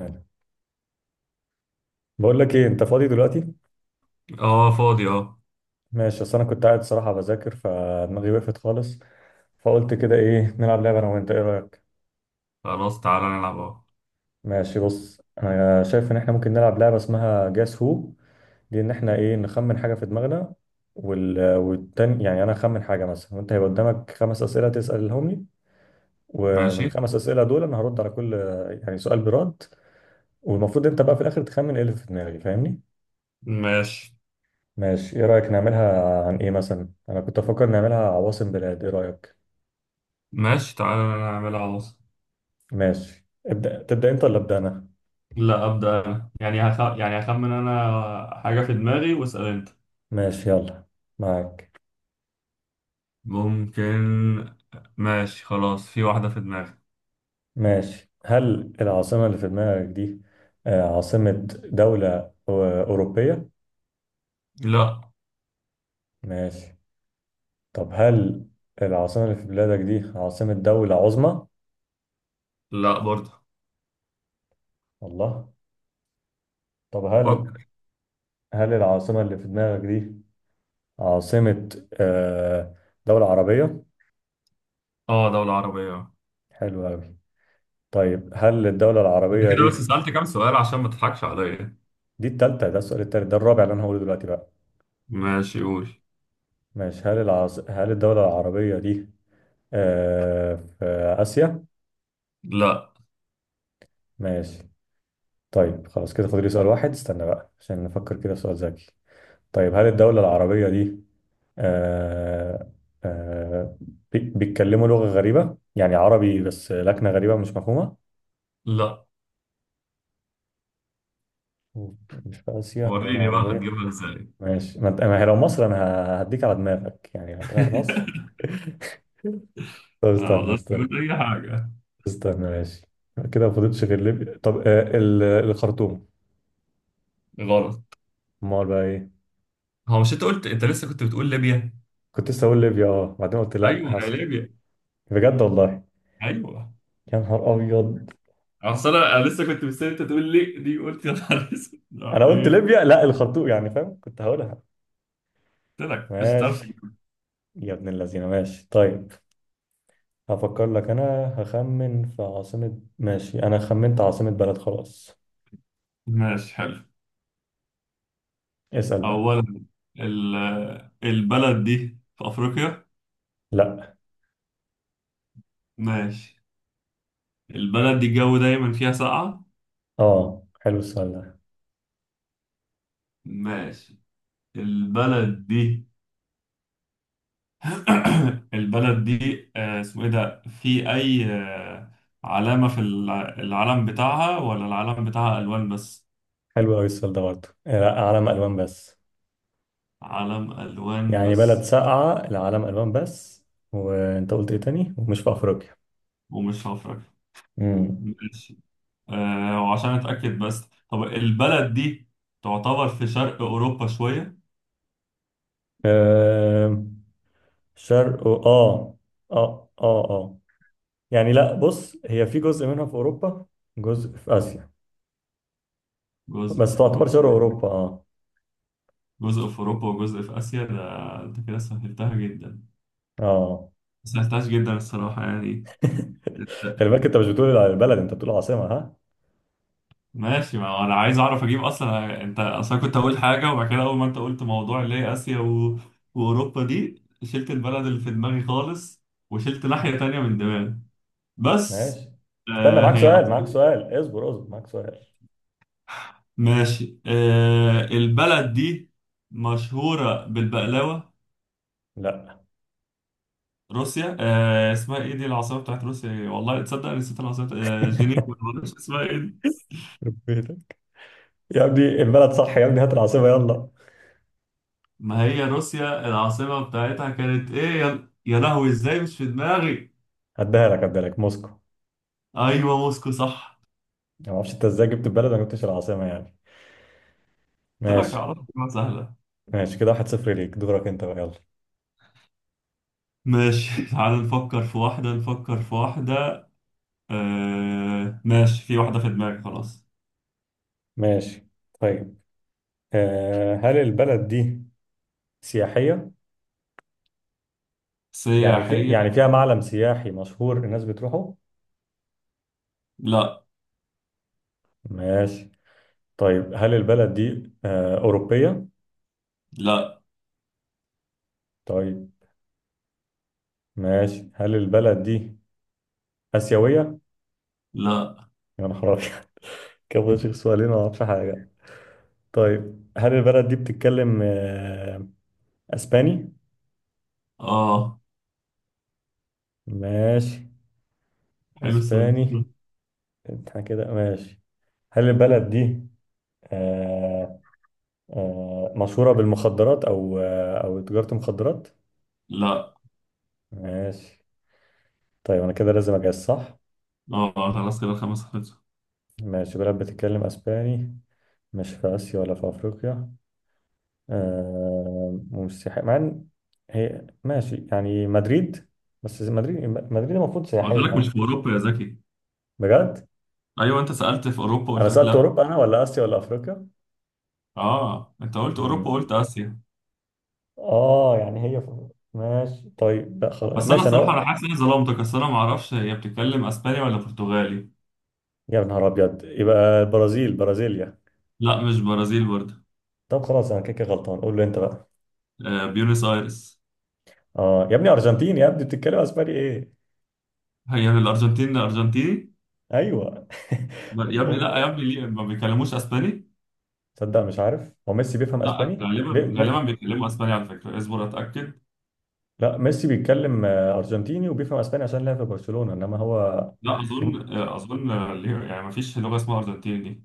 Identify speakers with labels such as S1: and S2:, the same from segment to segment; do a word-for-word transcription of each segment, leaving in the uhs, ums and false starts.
S1: يعني. بقول لك ايه، انت فاضي دلوقتي؟
S2: اه فاضي اه.
S1: ماشي، اصل انا كنت قاعد صراحه بذاكر فدماغي وقفت خالص، فقلت كده ايه نلعب لعبه انا وانت، ايه رايك؟
S2: خلاص، تعالى نلعب، اه.
S1: ماشي، بص انا شايف ان احنا ممكن نلعب لعبه اسمها جاس هو، دي ان احنا ايه نخمن حاجه في دماغنا، وال... والتاني يعني انا اخمن حاجه مثلا وانت هيبقى قدامك خمس اسئله تسالهم لي، ومن
S2: ماشي،
S1: الخمس اسئله دول انا هرد على كل يعني سؤال برد. والمفروض انت بقى في الاخر تخمن ايه اللي في دماغي، فاهمني؟
S2: ماشي،
S1: ماشي، ايه رأيك نعملها عن ايه؟ مثلا انا كنت افكر نعملها عواصم بلاد، ايه رأيك؟
S2: ماشي. تعالى نعملها اهو.
S1: ماشي، ابدأ تبدأ انت ولا ابدأ انا؟
S2: لا، أبدأ أنا. يعني هخ... يعني هخمن أنا حاجة في دماغي واسأل أنت.
S1: ماشي يلا. معاك.
S2: ممكن. ماشي، خلاص. في واحدة في دماغي.
S1: ماشي، هل العاصمة اللي في دماغك دي آه، عاصمة دولة أو- أوروبية؟
S2: لا.
S1: ماشي. طب هل العاصمة اللي في بلادك دي عاصمة دولة عظمى؟
S2: لا برضه.
S1: الله. طب هل
S2: فكر.
S1: هل العاصمة اللي في دماغك دي عاصمة آه، دولة عربية؟
S2: اه، دولة عربية، اه.
S1: حلو أوي. طيب هل الدولة
S2: انت
S1: العربية
S2: كده بس
S1: دي،
S2: سألت كام سؤال عشان ما تضحكش عليا؟
S1: دي التالتة، ده السؤال التالت، ده الرابع اللي أنا هقوله دلوقتي بقى.
S2: ماشي، قول.
S1: ماشي، هل العاص... هل الدولة العربية دي آه في آسيا؟
S2: لا.
S1: ماشي، طيب خلاص كده فاضل لي سؤال واحد، استنى بقى عشان نفكر كده في سؤال ذكي. طيب هل الدولة العربية دي آه آه بي- بيتكلموا لغة غريبة؟ يعني عربي بس لكنة غريبة مش مفهومة؟
S2: لا،
S1: مش في آسيا دولة
S2: وريني بقى
S1: عربية؟
S2: هتجيبها ازاي؟
S1: ماشي. ما أنت- ما هي لو مصر أنا ه- هديك على دماغك، يعني لو طلعت مصر. طب
S2: أنا ما
S1: استنى
S2: أقدرش
S1: استنى
S2: أقول أي حاجة.
S1: استنى، ماشي. كده ما فضلتش غير ليبيا. طب آه ال- الخرطوم؟
S2: غلط.
S1: امال بقى ايه؟
S2: هو مش انت قلت؟ انت لسه كنت بتقول ليبيا.
S1: كنت لسه اقول ليبيا، اه بعدين قلت لا،
S2: ايوه، ما هي
S1: حصل.
S2: ليبيا.
S1: بجد والله.
S2: ايوه.
S1: يا نهار ابيض.
S2: اصل انا أنا لسه كنت مستني انت تقول لي دي، قلت يا نهار اسود، لا،
S1: انا قلت
S2: ايه.
S1: ليبيا لا الخرطوم، يعني فاهم كنت هقولها.
S2: قلت لك مش هتعرف
S1: ماشي،
S2: تجيبها.
S1: يا ابن اللذينه. ماشي طيب، هفكر لك انا، هخمن في عاصمة. ماشي انا خمنت عاصمة بلد خلاص.
S2: ماشي، حلو.
S1: اسأل بقى.
S2: اولا، ال- البلد دي في افريقيا؟
S1: لا.
S2: ماشي. البلد دي الجو دايما فيها ساقعة؟
S1: اه حلو السؤال ده.
S2: ماشي. البلد دي البلد دي آه، اسمه ايه ده في اي آه، علامة في الع- العلم بتاعها، ولا العلم بتاعها الوان بس؟
S1: حلو قوي السؤال ده برضه، آه، لا علم الوان بس.
S2: علم ألوان
S1: يعني بلد
S2: بس.
S1: ساقعة العلم ألوان بس. وأنت قلت إيه تاني؟ ومش في أفريقيا.
S2: ومش هفرك.
S1: مم.
S2: ماشي. آه وعشان أتأكد بس، طب البلد دي تعتبر في شرق أوروبا شوية؟
S1: آه، شرق و- آه، آه آه آه، يعني لا، بص هي في جزء منها في أوروبا، جزء في آسيا،
S2: جزء
S1: بس
S2: في
S1: تعتبر
S2: أوروبا.
S1: شرق أوروبا، آه.
S2: جزء في أوروبا وجزء في آسيا، ده أنت كده سهلتها جدا.
S1: آه
S2: سهلتهاش جدا الصراحة، يعني. أنت-
S1: خلي بالك، أنت مش بتقول على البلد، أنت بتقول عاصمة، ها.
S2: ماشي، ما هو أنا عايز أعرف أجيب أصلا. أنت أصلا كنت أقول حاجة، وبعد كده أول ما أنت قلت موضوع اللي هي آسيا و... وأوروبا، دي شلت البلد اللي في دماغي خالص، وشلت ناحية تانية من دماغي. بس.
S1: ماشي، استنى
S2: آه
S1: معاك
S2: هي.
S1: سؤال معاك سؤال اصبر اصبر، معاك سؤال.
S2: ماشي. آه البلد دي مشهورة بالبقلاوة؟
S1: لا.
S2: روسيا. آه اسمها ايه دي، العاصمة بتاعت روسيا إيه؟ والله تصدق أنا نسيت العاصمة بتاعت- آه جنيف ولا معرفش اسمها ايه دي.
S1: يخرب بيتك يا ابني، البلد صح يا ابني، هات العاصمة يلا.
S2: ما هي روسيا العاصمة بتاعتها كانت ايه؟ يا, يا لهوي، ازاي مش في دماغي.
S1: هديها لك هديها لك موسكو.
S2: ايوه، موسكو، صح.
S1: يعني ما اعرفش انت ازاي جبت البلد ما جبتش العاصمة يعني.
S2: قلت لك
S1: ماشي
S2: اعرف. سهلة.
S1: ماشي كده، واحد صفر ليك، دورك انت بقى يلا.
S2: ماشي. تعال نفكر في واحدة، نفكر في واحدة. آه ماشي، في واحدة في دماغي خلاص.
S1: ماشي طيب، آه هل البلد دي سياحية؟ يعني في،
S2: سياحية؟
S1: يعني فيها معلم سياحي مشهور الناس بتروحه.
S2: لا.
S1: ماشي طيب، هل البلد دي آه أوروبية؟
S2: لا.
S1: طيب ماشي، هل البلد دي آسيوية؟
S2: لا.
S1: يا نهار أبيض. كده بشيخ سؤالين ما اعرفش حاجة. طيب هل البلد دي بتتكلم آه أسباني؟
S2: اه،
S1: ماشي.
S2: حلو السؤال.
S1: أسباني. احنا كده ماشي. هل البلد دي آه، آه، مشهورة بالمخدرات أو آه، أو تجارة مخدرات؟
S2: لا.
S1: ماشي طيب، أنا كده لازم أجهز صح؟
S2: اه، خلاص كده الخمس خلصوا.
S1: ماشي، بلد بتتكلم أسباني، مش في آسيا ولا في أفريقيا، آه، ومش سياحية، مع إن هي ماشي يعني مدريد، بس مدريد مدريد المفروض
S2: قلت
S1: سياحية
S2: لك مش
S1: يعني.
S2: في اوروبا يا زكي.
S1: بجد؟
S2: ايوه، انت سالت في اوروبا،
S1: أنا
S2: قلت لك
S1: سألت
S2: لا.
S1: أوروبا أنا ولا آسيا ولا أفريقيا؟
S2: اه، انت قلت اوروبا
S1: مم.
S2: وقلت اسيا.
S1: آه يعني هي في- ماشي طيب لا خلاص
S2: بس انا
S1: ماشي
S2: الصراحه انا
S1: أنا.
S2: حاسس اني ظلمتك. اصل انا ما اعرفش هي بتتكلم اسباني ولا برتغالي.
S1: يا نهار أبيض، يبقى البرازيل، برازيليا.
S2: لا، مش برازيل برضه.
S1: طب خلاص انا كده كده غلطان، قول له انت بقى.
S2: آه بيونس ايرس.
S1: اه يا ابني ارجنتيني، يا ابني بتتكلم اسباني ايه.
S2: هي من الارجنتين، ارجنتيني.
S1: ايوه.
S2: ب- يا ابني لا،
S1: هو-
S2: يا ابني ليه ما بيكلموش اسباني؟
S1: تصدق مش عارف، هو ميسي بيفهم
S2: لا،
S1: اسباني بي...
S2: غالبا غالبا
S1: م...
S2: بيتكلموا اسباني على فكره، اصبر اتاكد.
S1: لا ميسي بيتكلم آه، ارجنتيني وبيفهم اسباني عشان لعب في برشلونة، انما هو
S2: لا اظن،
S1: أم-
S2: آه، اظن آه، ليه- يعني ما فيش لغه اسمها ارجنتيني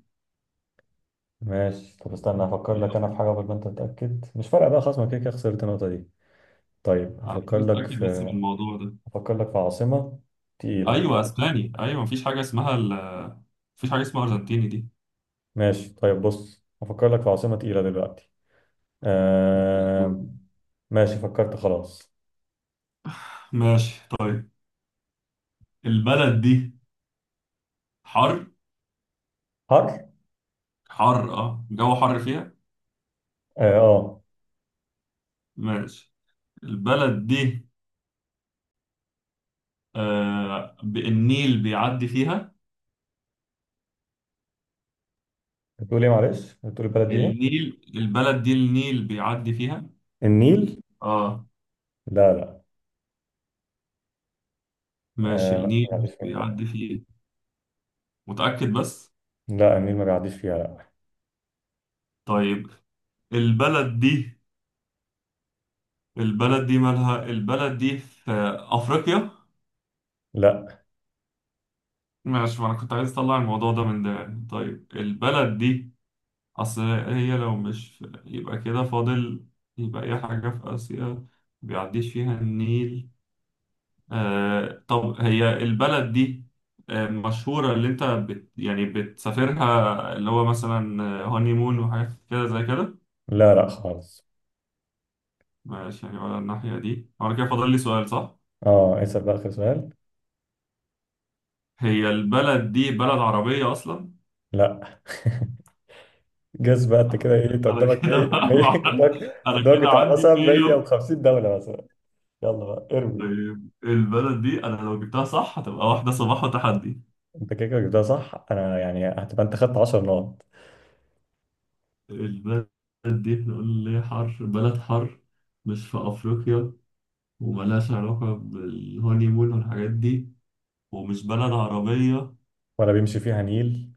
S1: ماشي. طب استنى هفكر
S2: دي.
S1: لك انا في حاجة، قبل ما انت تتأكد مش فارقة بقى خلاص، ما كده كده خسرت النقطة دي. طيب
S2: على
S1: هفكر
S2: فكرة
S1: لك
S2: اتاكد بس من
S1: في
S2: الموضوع ده.
S1: هفكر لك في عاصمة تقيلة.
S2: ايوه اسباني، ايوه مفيش حاجه اسمها ال... مفيش حاجه اسمها ارجنتيني دي.
S1: ماشي طيب بص، هفكر لك في عاصمة تقيلة دلوقتي، آه... ماشي فكرت خلاص.
S2: ماشي طيب، البلد دي حر؟
S1: حر،
S2: حر. اه الجو حر فيها.
S1: اه آه.
S2: ماشي. البلد دي، آه ب- النيل بيعدي فيها؟
S1: بتقول ايه؟ معلش بتقول البلد دي ايه؟
S2: النيل، البلد دي النيل بيعدي فيها.
S1: النيل؟
S2: اه،
S1: لا لا.
S2: ماشي،
S1: آه ما
S2: النيل
S1: بيعديش فيها
S2: بيعدي فيها. متأكد بس؟
S1: لا. النيل ما بيعديش فيها لا.
S2: طيب البلد دي البلد دي مالها، البلد دي في أفريقيا؟
S1: لا
S2: ماشي، ما انا كنت عايز اطلع الموضوع ده من ده يعني. طيب البلد دي، اصل هي لو مش في- يبقى كده فاضل. يبقى اي حاجة في اسيا. بيعديش فيها النيل. آه طب هي البلد دي، آه مشهورة اللي انت بت يعني بتسافرها، اللي هو مثلا هاني مون وحاجات كده زي كده؟
S1: لا لا خالص.
S2: ماشي، يعني ولا الناحية دي، وانا كده فاضل لي سؤال صح؟
S1: اه اسأل بقى آخر سؤال.
S2: هي البلد دي بلد عربية اصلا؟
S1: لا. جاز بقى انت كده، ايه انت
S2: انا
S1: قدامك
S2: كده
S1: مية،
S2: بقى،
S1: مية
S2: معرفش،
S1: قدامك
S2: انا
S1: قدامك
S2: كده
S1: بتاع
S2: عندي.
S1: مثلا مية وخمسين دولة مثلا. يلا بقى ارمي.
S2: طيب البلد دي، انا لو جبتها صح هتبقى واحدة صباح وتحدي.
S1: انت كده كده جبتها صح انا يعني، هتبقى انت خدت عشر نقط.
S2: البلد دي هنقول ليه حر، بلد حر، مش في افريقيا، وملهاش علاقة بالهوني مون والحاجات دي، ومش بلد عربية.
S1: ولا بيمشي فيها نيل؟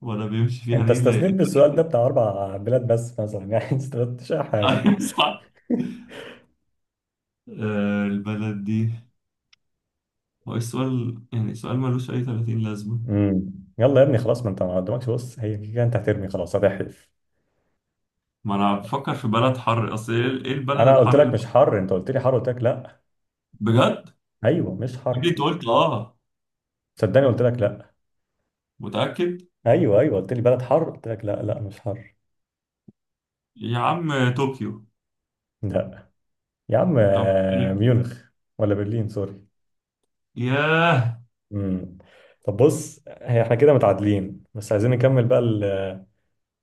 S2: ولا بيمشي فيها
S1: انت
S2: نيل
S1: استثنيت بالسؤال ده
S2: البلد-
S1: بتاع اربع بلاد بس مثلا يعني ما استفدتش اي حاجة.
S2: ايوه صح. آه، البلد دي. هو إيه السؤال؟ يعني سؤال ملوش اي ثلاثين لازمة.
S1: امم. يلا يا ابني خلاص، ما انت ما قدامكش، بص هي كده كده انت هترمي خلاص هتحلف.
S2: ما انا بفكر في بلد حر، اصل ايه، إيه البلد
S1: انا قلت
S2: الحر
S1: لك
S2: الم-
S1: مش حر، انت قلت لي حر قلت لك لا.
S2: بجد؟
S1: ايوه مش
S2: قبل
S1: حر.
S2: انت قلت اه.
S1: صدقني قلت لك لا.
S2: متأكد؟
S1: ايوه ايوه قلت لي بلد حر قلت لك لا لا مش حر.
S2: يا عم طوكيو.
S1: لا. يا عم
S2: طب
S1: آه،
S2: إيه؟
S1: ميونخ، ولا برلين سوري.
S2: ياه.
S1: امم. طب بص هي احنا كده متعادلين، بس عايزين نكمل بقى ال-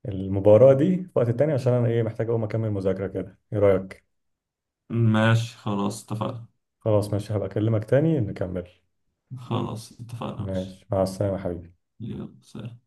S1: المباراة دي في وقت تاني، عشان انا ايه محتاج اقوم اكمل مذاكرة كده، ايه رأيك؟
S2: ماشي، خلاص اتفقنا.
S1: خلاص ماشي، هبقى اكلمك تاني نكمل.
S2: خلاص اتفقنا، ماشي.
S1: ماشي مع السلامة يا حبيبي.
S2: يلا، سلام.